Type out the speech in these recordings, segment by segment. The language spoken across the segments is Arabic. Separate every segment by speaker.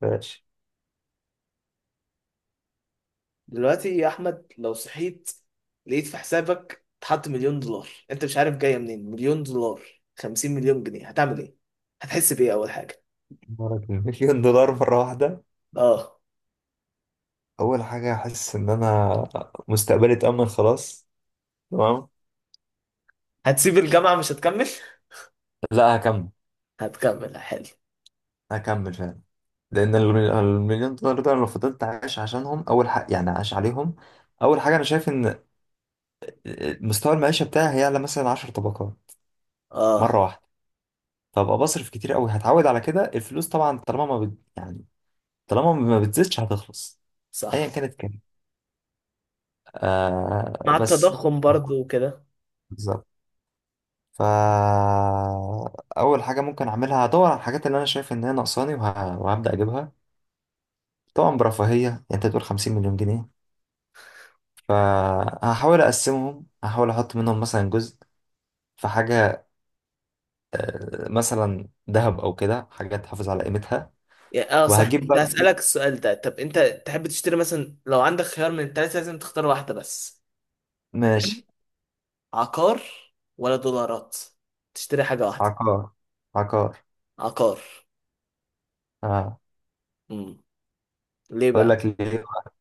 Speaker 1: ماشي.
Speaker 2: دلوقتي يا احمد، لو صحيت لقيت في حسابك اتحط مليون دولار، انت مش عارف جايه منين. مليون دولار، 50 مليون جنيه، هتعمل ايه؟ هتحس بايه اول حاجه؟
Speaker 1: مرض مليون دولار مرة واحدة.
Speaker 2: اه.
Speaker 1: أول حاجة أحس إن أنا مستقبلي اتأمن خلاص. تمام.
Speaker 2: هتسيب الجامعه مش هتكمل؟
Speaker 1: لا، هكمل.
Speaker 2: هتكمل؟ حلو.
Speaker 1: هكمل فعلا. لأن المليون دولار ده، أنا لو فضلت عايش عشانهم، أول حاجة يعني عايش عليهم. أول حاجة أنا شايف إن مستوى المعيشة بتاعي هيعلى مثلا 10 طبقات مرة
Speaker 2: اه،
Speaker 1: واحدة. فأبقى بصرف كتير أوي، هتعود على كده الفلوس. طبعا طالما ما بت... يعني طالما ما بتزيدش هتخلص، أيا
Speaker 2: صح.
Speaker 1: كانت كام. آه
Speaker 2: مع
Speaker 1: بس.
Speaker 2: التضخم برضو وكده.
Speaker 1: بالظبط. فأول حاجة ممكن أعملها هدور على الحاجات اللي أنا شايف إن هي ناقصاني، وهبدأ أجيبها. طبعا برفاهية، يعني أنت تقول 50 مليون جنيه. فهحاول أقسمهم، هحاول أحط منهم مثلا جزء في حاجة، مثلا ذهب أو كده، حاجة تحافظ على قيمتها.
Speaker 2: يعني اه صح،
Speaker 1: وهجيب
Speaker 2: كنت
Speaker 1: بقى.
Speaker 2: هسألك السؤال ده. طب انت تحب تشتري مثلا لو عندك خيار من التلاتة، لازم تختار واحدة بس.
Speaker 1: ماشي.
Speaker 2: عقار ولا دولارات؟ تشتري حاجة واحدة.
Speaker 1: عقار. عقار.
Speaker 2: عقار.
Speaker 1: آه.
Speaker 2: امم
Speaker 1: أقول
Speaker 2: ليه؟
Speaker 1: لك ليه بقى؟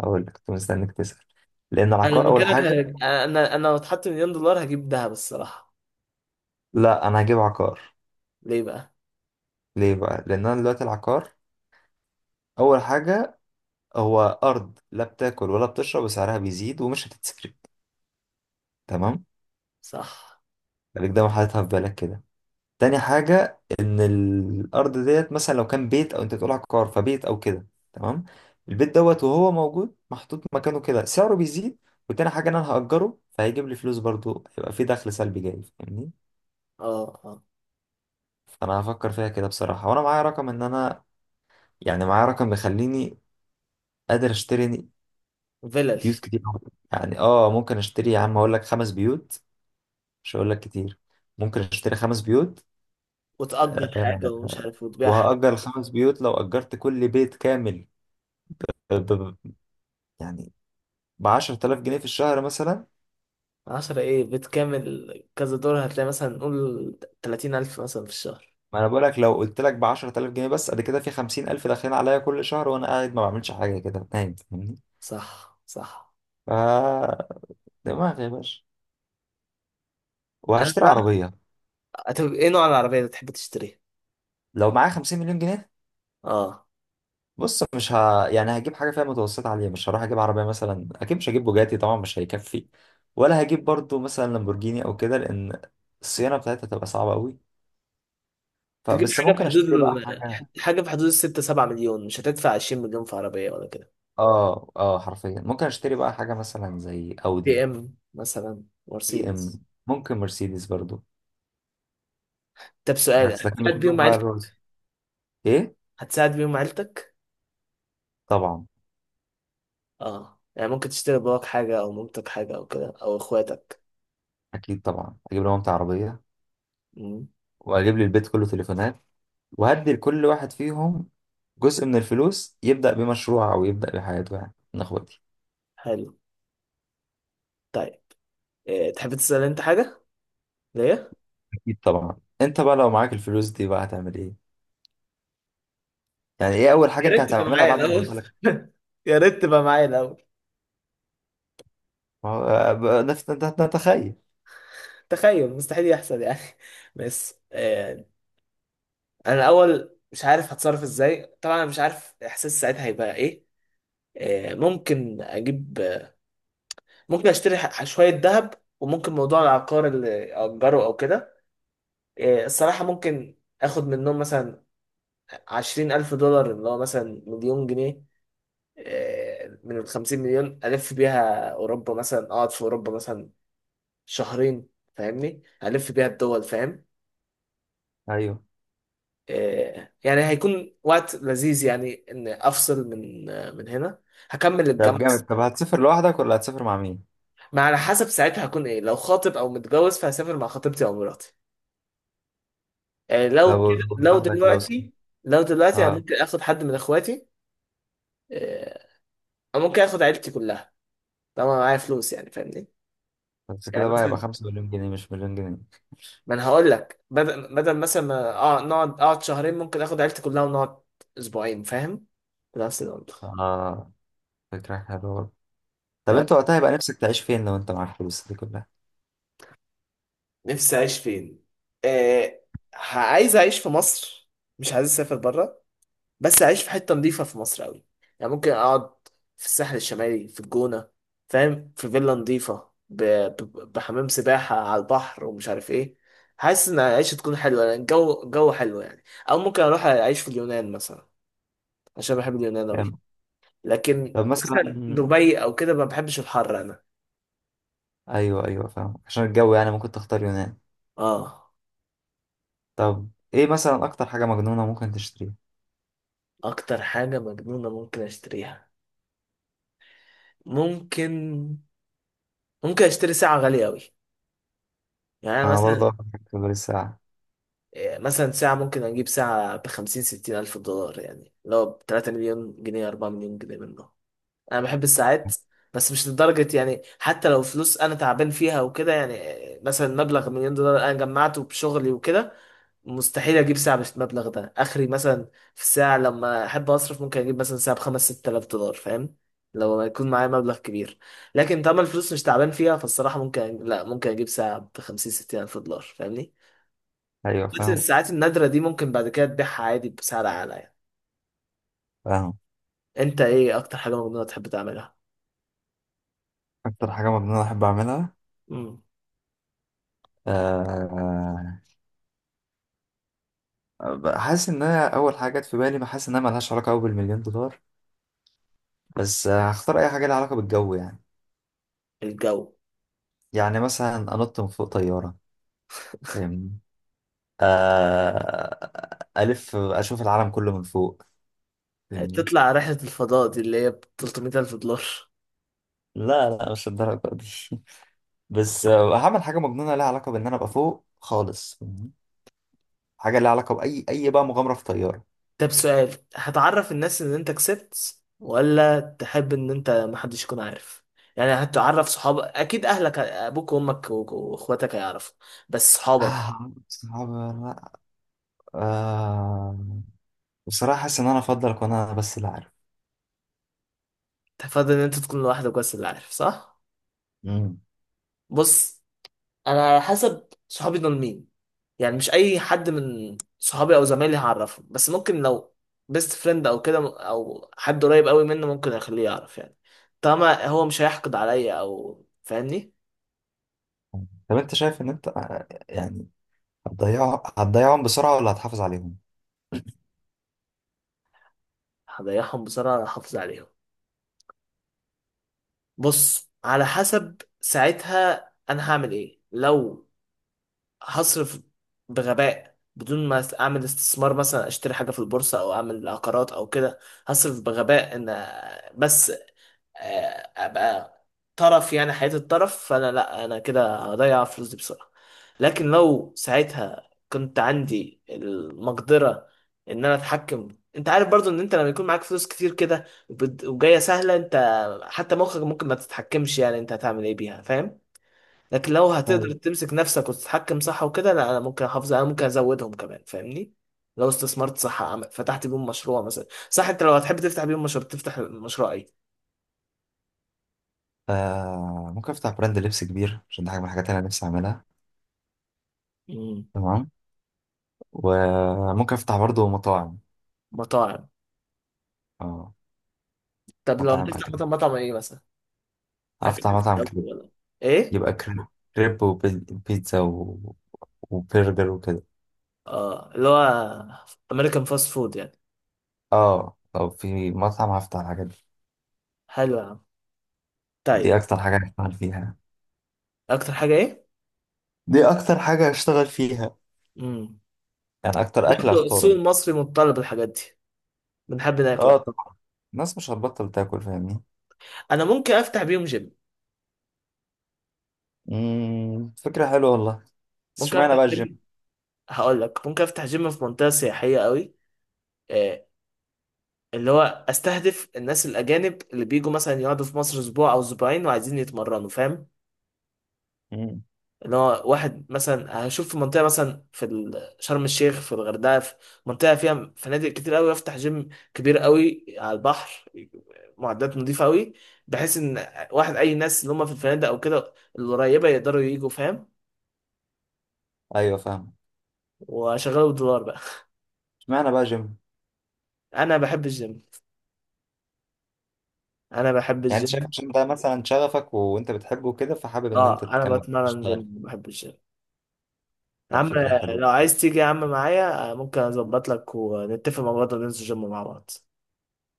Speaker 1: أقول لك كنت مستنيك تسأل. لأن
Speaker 2: انا
Speaker 1: العقار
Speaker 2: لو
Speaker 1: أول
Speaker 2: مكانك
Speaker 1: حاجة.
Speaker 2: هج- انا انا لو اتحط مليون دولار هجيب دهب، الصراحه.
Speaker 1: لا، أنا هجيب عقار.
Speaker 2: ليه بقى؟
Speaker 1: ليه بقى؟ لأن أنا دلوقتي العقار أول حاجة، هو أرض لا بتاكل ولا بتشرب، وسعرها بيزيد ومش هتتسرق. تمام.
Speaker 2: صح.
Speaker 1: خليك دايما حاططها في بالك كده. تاني حاجة إن الأرض ديت مثلا لو كان بيت، أو أنت بتقول عقار فبيت أو كده. تمام. البيت دوت وهو موجود محطوط مكانه كده سعره بيزيد. وتاني حاجة إن أنا هأجره، فهيجيب لي فلوس برضو، هيبقى في دخل سلبي جاي. فاهمني؟
Speaker 2: اه، اه.
Speaker 1: فأنا هفكر فيها كده بصراحة، وأنا معايا رقم إن أنا، يعني معايا رقم بيخليني قادر أشتري
Speaker 2: فيلل
Speaker 1: بيوت كتير أوي. يعني ممكن اشتري، يا عم اقول لك، خمس بيوت. مش هقول لك كتير، ممكن اشتري 5 بيوت.
Speaker 2: وتأجر حاجه
Speaker 1: آه،
Speaker 2: ومش عارف وتبيعها.
Speaker 1: وهأجر الخمس بيوت. لو أجرت كل بيت كامل ب- ب- يعني ب 10,000 جنيه في الشهر مثلا.
Speaker 2: عشرة ايه، بيت كامل كذا دور هتلاقي مثلا، نقول تلاتين ألف مثلا في الشهر.
Speaker 1: ما انا بقول لك، لو قلت لك ب 10,000 جنيه بس، قد كده في 50,000 داخلين عليا كل شهر، وانا قاعد ما بعملش حاجه، كده نايم. فاهمني؟
Speaker 2: صح، صح.
Speaker 1: ف دماغي يا باشا.
Speaker 2: أنا
Speaker 1: وهشتري
Speaker 2: بقى
Speaker 1: عربيه.
Speaker 2: هتبقى إيه نوع العربية اللي تحب تشتريها؟
Speaker 1: لو معايا 50 مليون جنيه،
Speaker 2: آه.
Speaker 1: بص مش ه... يعني هجيب حاجه فيها متوسطه عاليه. مش هروح اجيب عربيه مثلا، اكيد مش هجيب بوجاتي طبعا، مش هيكفي. ولا هجيب برضو مثلا لامبورجيني او كده، لان الصيانه بتاعتها تبقى صعبه قوي.
Speaker 2: تجيب
Speaker 1: فبس
Speaker 2: حاجة في
Speaker 1: ممكن
Speaker 2: حدود
Speaker 1: اشتري بقى
Speaker 2: ال...
Speaker 1: حاجه.
Speaker 2: حاجة في حدود الستة سبعة مليون، مش هتدفع عشرين مليون في عربية ولا كده.
Speaker 1: اه، اه، حرفيا ممكن اشتري بقى حاجه مثلا زي
Speaker 2: بي
Speaker 1: اودي،
Speaker 2: إم مثلا،
Speaker 1: بي
Speaker 2: مرسيدس.
Speaker 1: ام، ممكن مرسيدس برضو.
Speaker 2: طب سؤال،
Speaker 1: بس لكن مش
Speaker 2: هتساعد
Speaker 1: هروح
Speaker 2: بيهم
Speaker 1: بقى
Speaker 2: عيلتك؟
Speaker 1: الرولز. ايه؟
Speaker 2: هتساعد بيهم عيلتك؟
Speaker 1: طبعا.
Speaker 2: اه، يعني ممكن تشتري باباك حاجة أو مامتك حاجة أو كده أو إخواتك.
Speaker 1: اكيد طبعا اجيب لمامتي عربيه،
Speaker 2: مم.
Speaker 1: واجيب للبيت كله تليفونات، وهدي لكل واحد فيهم جزء من الفلوس، يبدا بمشروع او يبدا بحياته، يعني من اخواتي.
Speaker 2: حلو. طيب. إيه، تحب تسأل أنت حاجة؟ ليه؟
Speaker 1: اكيد طبعا. انت بقى لو معاك الفلوس دي بقى هتعمل ايه؟ يعني ايه اول حاجه
Speaker 2: يا
Speaker 1: انت
Speaker 2: ريت تبقى
Speaker 1: هتعملها بعد
Speaker 2: معايا
Speaker 1: ما
Speaker 2: الأول.
Speaker 1: توصل لك؟
Speaker 2: يا ريت تبقى معايا الأول.
Speaker 1: ما هو- بقى نفس، انت تتخيل.
Speaker 2: تخيل، مستحيل يحصل يعني. بس. أنا الأول مش عارف هتصرف إزاي طبعا، أنا مش عارف إحساس ساعتها هيبقى إيه. ممكن أجيب، ممكن أشتري شوية ذهب. وممكن موضوع العقار اللي أجره أو كده. الصراحة ممكن آخد منهم مثلا عشرين ألف دولار، اللي هو مثلا مليون جنيه. من الخمسين مليون، ألف بيها أوروبا مثلا، أقعد في أوروبا مثلا شهرين. فاهمني، ألف بيها الدول، فاهم.
Speaker 1: ايوه.
Speaker 2: يعني هيكون وقت لذيذ يعني إن أفصل من من هنا. هكمل
Speaker 1: طب
Speaker 2: الجامعة.
Speaker 1: جامد، طب هتسافر لوحدك ولا هتسافر مع مين؟
Speaker 2: ما على حسب ساعتها هكون إيه، لو خاطب أو متجوز فهسافر مع خطيبتي أو مراتي. آه، لو
Speaker 1: لو
Speaker 2: كده لو
Speaker 1: لوحدك لو سافر.
Speaker 2: دلوقتي. لو دلوقتي أنا
Speaker 1: اه.
Speaker 2: ممكن آخد حد من إخواتي. آه، أو ممكن آخد عيلتي كلها، طالما معايا فلوس يعني، فاهمني.
Speaker 1: بس
Speaker 2: يعني
Speaker 1: كده بقى يبقى
Speaker 2: مثلا،
Speaker 1: 5 مليون جنيه مش مليون جنيه.
Speaker 2: ما انا هقول لك بدل مثلا ما اقعد شهرين، ممكن اخد عيلتي كلها ونقعد اسبوعين، فاهم. نفس المنطق.
Speaker 1: اه، فكره حلوه برضه. طب
Speaker 2: تمام.
Speaker 1: انت وقتها يبقى نفسك تعيش فين لو انت معاك الفلوس دي كلها؟
Speaker 2: نفسي اعيش فين؟ آه، عايز اعيش في مصر. مش عايز اسافر بره. بس اعيش في حته نظيفه في مصر قوي. يعني ممكن اقعد في الساحل الشمالي، في الجونه، فاهم، في فيلا نظيفه بحمام سباحه على البحر ومش عارف ايه. حاسس ان العيشه تكون حلوه لأن الجو جو حلو يعني. او ممكن اروح اعيش في اليونان مثلا، عشان بحب اليونان قوي.
Speaker 1: جامد.
Speaker 2: لكن
Speaker 1: طب مثلا،
Speaker 2: مثلا دبي او كده ما بحبش الحر انا.
Speaker 1: ايوه ايوه فاهم، عشان الجو يعني ممكن تختار يونان.
Speaker 2: اه،
Speaker 1: طب ايه مثلا اكتر حاجه مجنونه ممكن تشتريها؟
Speaker 2: اكتر حاجه مجنونه ممكن اشتريها. ممكن ممكن اشتري ساعه غاليه قوي. يعني أنا
Speaker 1: انا برضه
Speaker 2: مثلا
Speaker 1: اكتر حاجه في الساعه.
Speaker 2: مثلا ساعه، ممكن اجيب ساعه ب 50 60 الف دولار، يعني لو ب 3 مليون جنيه، 4 مليون جنيه منه. انا بحب الساعات. بس مش لدرجه يعني، حتى لو فلوس انا تعبان فيها وكده يعني. مثلا مبلغ مليون دولار انا جمعته بشغلي وكده، مستحيل اجيب ساعه بالمبلغ ده، اخري مثلا، في الساعه لما احب اصرف ممكن اجيب مثلا ساعه بخمس ست آلاف دولار، فاهم. لو ما يكون معايا مبلغ كبير. لكن طالما الفلوس مش تعبان فيها فالصراحه، ممكن لا، ممكن اجيب ساعه بخمسين ستين الف دولار، فاهمني.
Speaker 1: ايوه
Speaker 2: بس
Speaker 1: فاهم.
Speaker 2: الساعات النادره دي ممكن بعد كده تبيعها عادي بسعر اعلى يعني.
Speaker 1: فاهم.
Speaker 2: انت ايه اكتر حاجه مجنونه تحب تعملها؟
Speaker 1: اكتر حاجه مجنونه احب اعملها.
Speaker 2: امم.
Speaker 1: أه حاسس ان انا اول حاجه جت في بالي، بحس انها ملهاش علاقه قوي بالمليون دولار، بس هختار اي حاجه لها علاقه بالجو. يعني
Speaker 2: الجو.
Speaker 1: يعني مثلا انط من فوق طياره، فاهمني؟ الف، اشوف العالم كله من فوق، فاهمني؟
Speaker 2: تطلع رحله الفضاء دي اللي هي ب 300 الف دولار؟
Speaker 1: لا لا، مش الدرجه دي. بس هعمل حاجه مجنونه لها علاقه بان انا ابقى فوق خالص، فاهمني؟ حاجه لها علاقه باي اي بقى، مغامره في طياره.
Speaker 2: طب سؤال، هتعرف الناس ان انت كسبت ولا تحب ان انت محدش يكون عارف؟ يعني هتعرف صحابك اكيد، اهلك ابوك وامك واخواتك هيعرفوا، بس صحابك.
Speaker 1: صعب ولا لا؟ آه، بصراحة حاسس إن أنا أفضل أكون أنا بس اللي عارف.
Speaker 2: تفضل ان انت تكون لوحدك بس اللي عارف، صح؟
Speaker 1: مم.
Speaker 2: بص، انا على حسب صحابي دول مين. يعني مش اي حد من صحابي او زمايلي هعرفه، بس ممكن لو بيست فريند او كده، او حد قريب قوي منه، ممكن اخليه يعرف يعني، طالما هو مش هيحقد عليا او فاهمني.
Speaker 1: طب أنت شايف إن أنت، يعني هتضيعهم بسرعة ولا هتحافظ عليهم؟
Speaker 2: هضيعهم بسرعة، احافظ عليهم. بص على حسب ساعتها انا هعمل ايه. لو هصرف بغباء بدون ما اعمل استثمار، مثلا اشتري حاجه في البورصه او اعمل عقارات او كده، هصرف بغباء ان، بس ابقى طرف، يعني حياة الطرف، فانا لا، انا كده هضيع فلوس دي بسرعة. لكن لو ساعتها كنت عندي المقدرة ان انا اتحكم، انت عارف برضو ان انت لما يكون معاك فلوس كتير كده وجاية سهلة، انت حتى مخك ممكن ما تتحكمش، يعني انت هتعمل ايه بيها، فاهم. لكن لو هتقدر
Speaker 1: أيوة.
Speaker 2: تمسك نفسك وتتحكم صح وكده، لا، انا ممكن احافظ، انا ممكن ازودهم كمان، فاهمني. لو استثمرت صح، فتحت بيهم مشروع مثلا، صح انت لو هتحب تفتح بيهم مشروع، تفتح مشروع
Speaker 1: آه، ممكن أفتح براند لبس كبير، عشان ده حاجة من الحاجات اللي أنا نفسي أعملها.
Speaker 2: ايه؟
Speaker 1: تمام. وممكن أفتح برضه مطاعم.
Speaker 2: مطاعم.
Speaker 1: آه،
Speaker 2: طب لو
Speaker 1: مطاعم
Speaker 2: هتفتح
Speaker 1: أكل.
Speaker 2: مطعم، مطعم ايه مثلا؟ اكل
Speaker 1: أفتح مطعم كريب.
Speaker 2: ولا ايه؟
Speaker 1: يبقى كريب. كريب وبيتزا وبرجر وكده.
Speaker 2: اه، اللي هو امريكان فاست فود يعني.
Speaker 1: اه، لو في مطعم هفتح الحاجات دي.
Speaker 2: حلو يا عم.
Speaker 1: دي
Speaker 2: طيب.
Speaker 1: اكتر حاجة هشتغل فيها.
Speaker 2: اكتر حاجه ايه؟
Speaker 1: دي اكتر حاجة هشتغل فيها،
Speaker 2: امم.
Speaker 1: يعني اكتر اكلة
Speaker 2: برضه السوق
Speaker 1: هختارها.
Speaker 2: المصري متطلب الحاجات دي، بنحب ناكل.
Speaker 1: اه، الناس مش هتبطل تاكل، فاهمني؟
Speaker 2: انا ممكن افتح بيهم جيم.
Speaker 1: امم، فكرة حلوة والله. بس
Speaker 2: ممكن
Speaker 1: اشمعنى
Speaker 2: افتح
Speaker 1: بقى الجيم؟
Speaker 2: جيم. هقول لك ممكن افتح جيم في منطقه سياحيه قوي، آه، اللي هو استهدف الناس الاجانب اللي بيجوا مثلا يقعدوا في مصر اسبوع او اسبوعين، وعايزين يتمرنوا، فاهم.
Speaker 1: امم.
Speaker 2: ان هو واحد مثلا هشوف في منطقه مثلا، في شرم الشيخ، في الغردقه، في منطقه فيها فنادق كتير قوي، افتح جيم كبير قوي على البحر، معدات نظيفه قوي، بحيث ان واحد، اي ناس اللي هم في الفنادق او كده القريبه، يقدروا يجوا، فاهم.
Speaker 1: ايوه فاهم.
Speaker 2: واشغله بالدولار بقى.
Speaker 1: اشمعنى بقى جيم؟
Speaker 2: انا بحب الجيم، انا بحب
Speaker 1: يعني انت شايف
Speaker 2: الجيم.
Speaker 1: عشان ده مثلا شغفك وانت بتحبه كده، فحابب ان انت
Speaker 2: اه، انا
Speaker 1: تكمل
Speaker 2: بتمرن جيم،
Speaker 1: تشتغل.
Speaker 2: بحب الجيم. يا
Speaker 1: طب
Speaker 2: عم،
Speaker 1: فكرة حلوة.
Speaker 2: لو عايز تيجي يا عم معايا، ممكن اظبط لك ونتفق مع بعض وننزل جيم مع بعض.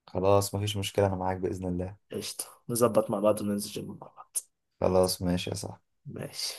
Speaker 1: خلاص مفيش مشكلة، انا معاك بإذن الله.
Speaker 2: قشطه، نظبط مع بعض وننزل جيم مع بعض.
Speaker 1: خلاص، ماشي يا صاحبي.
Speaker 2: ماشي.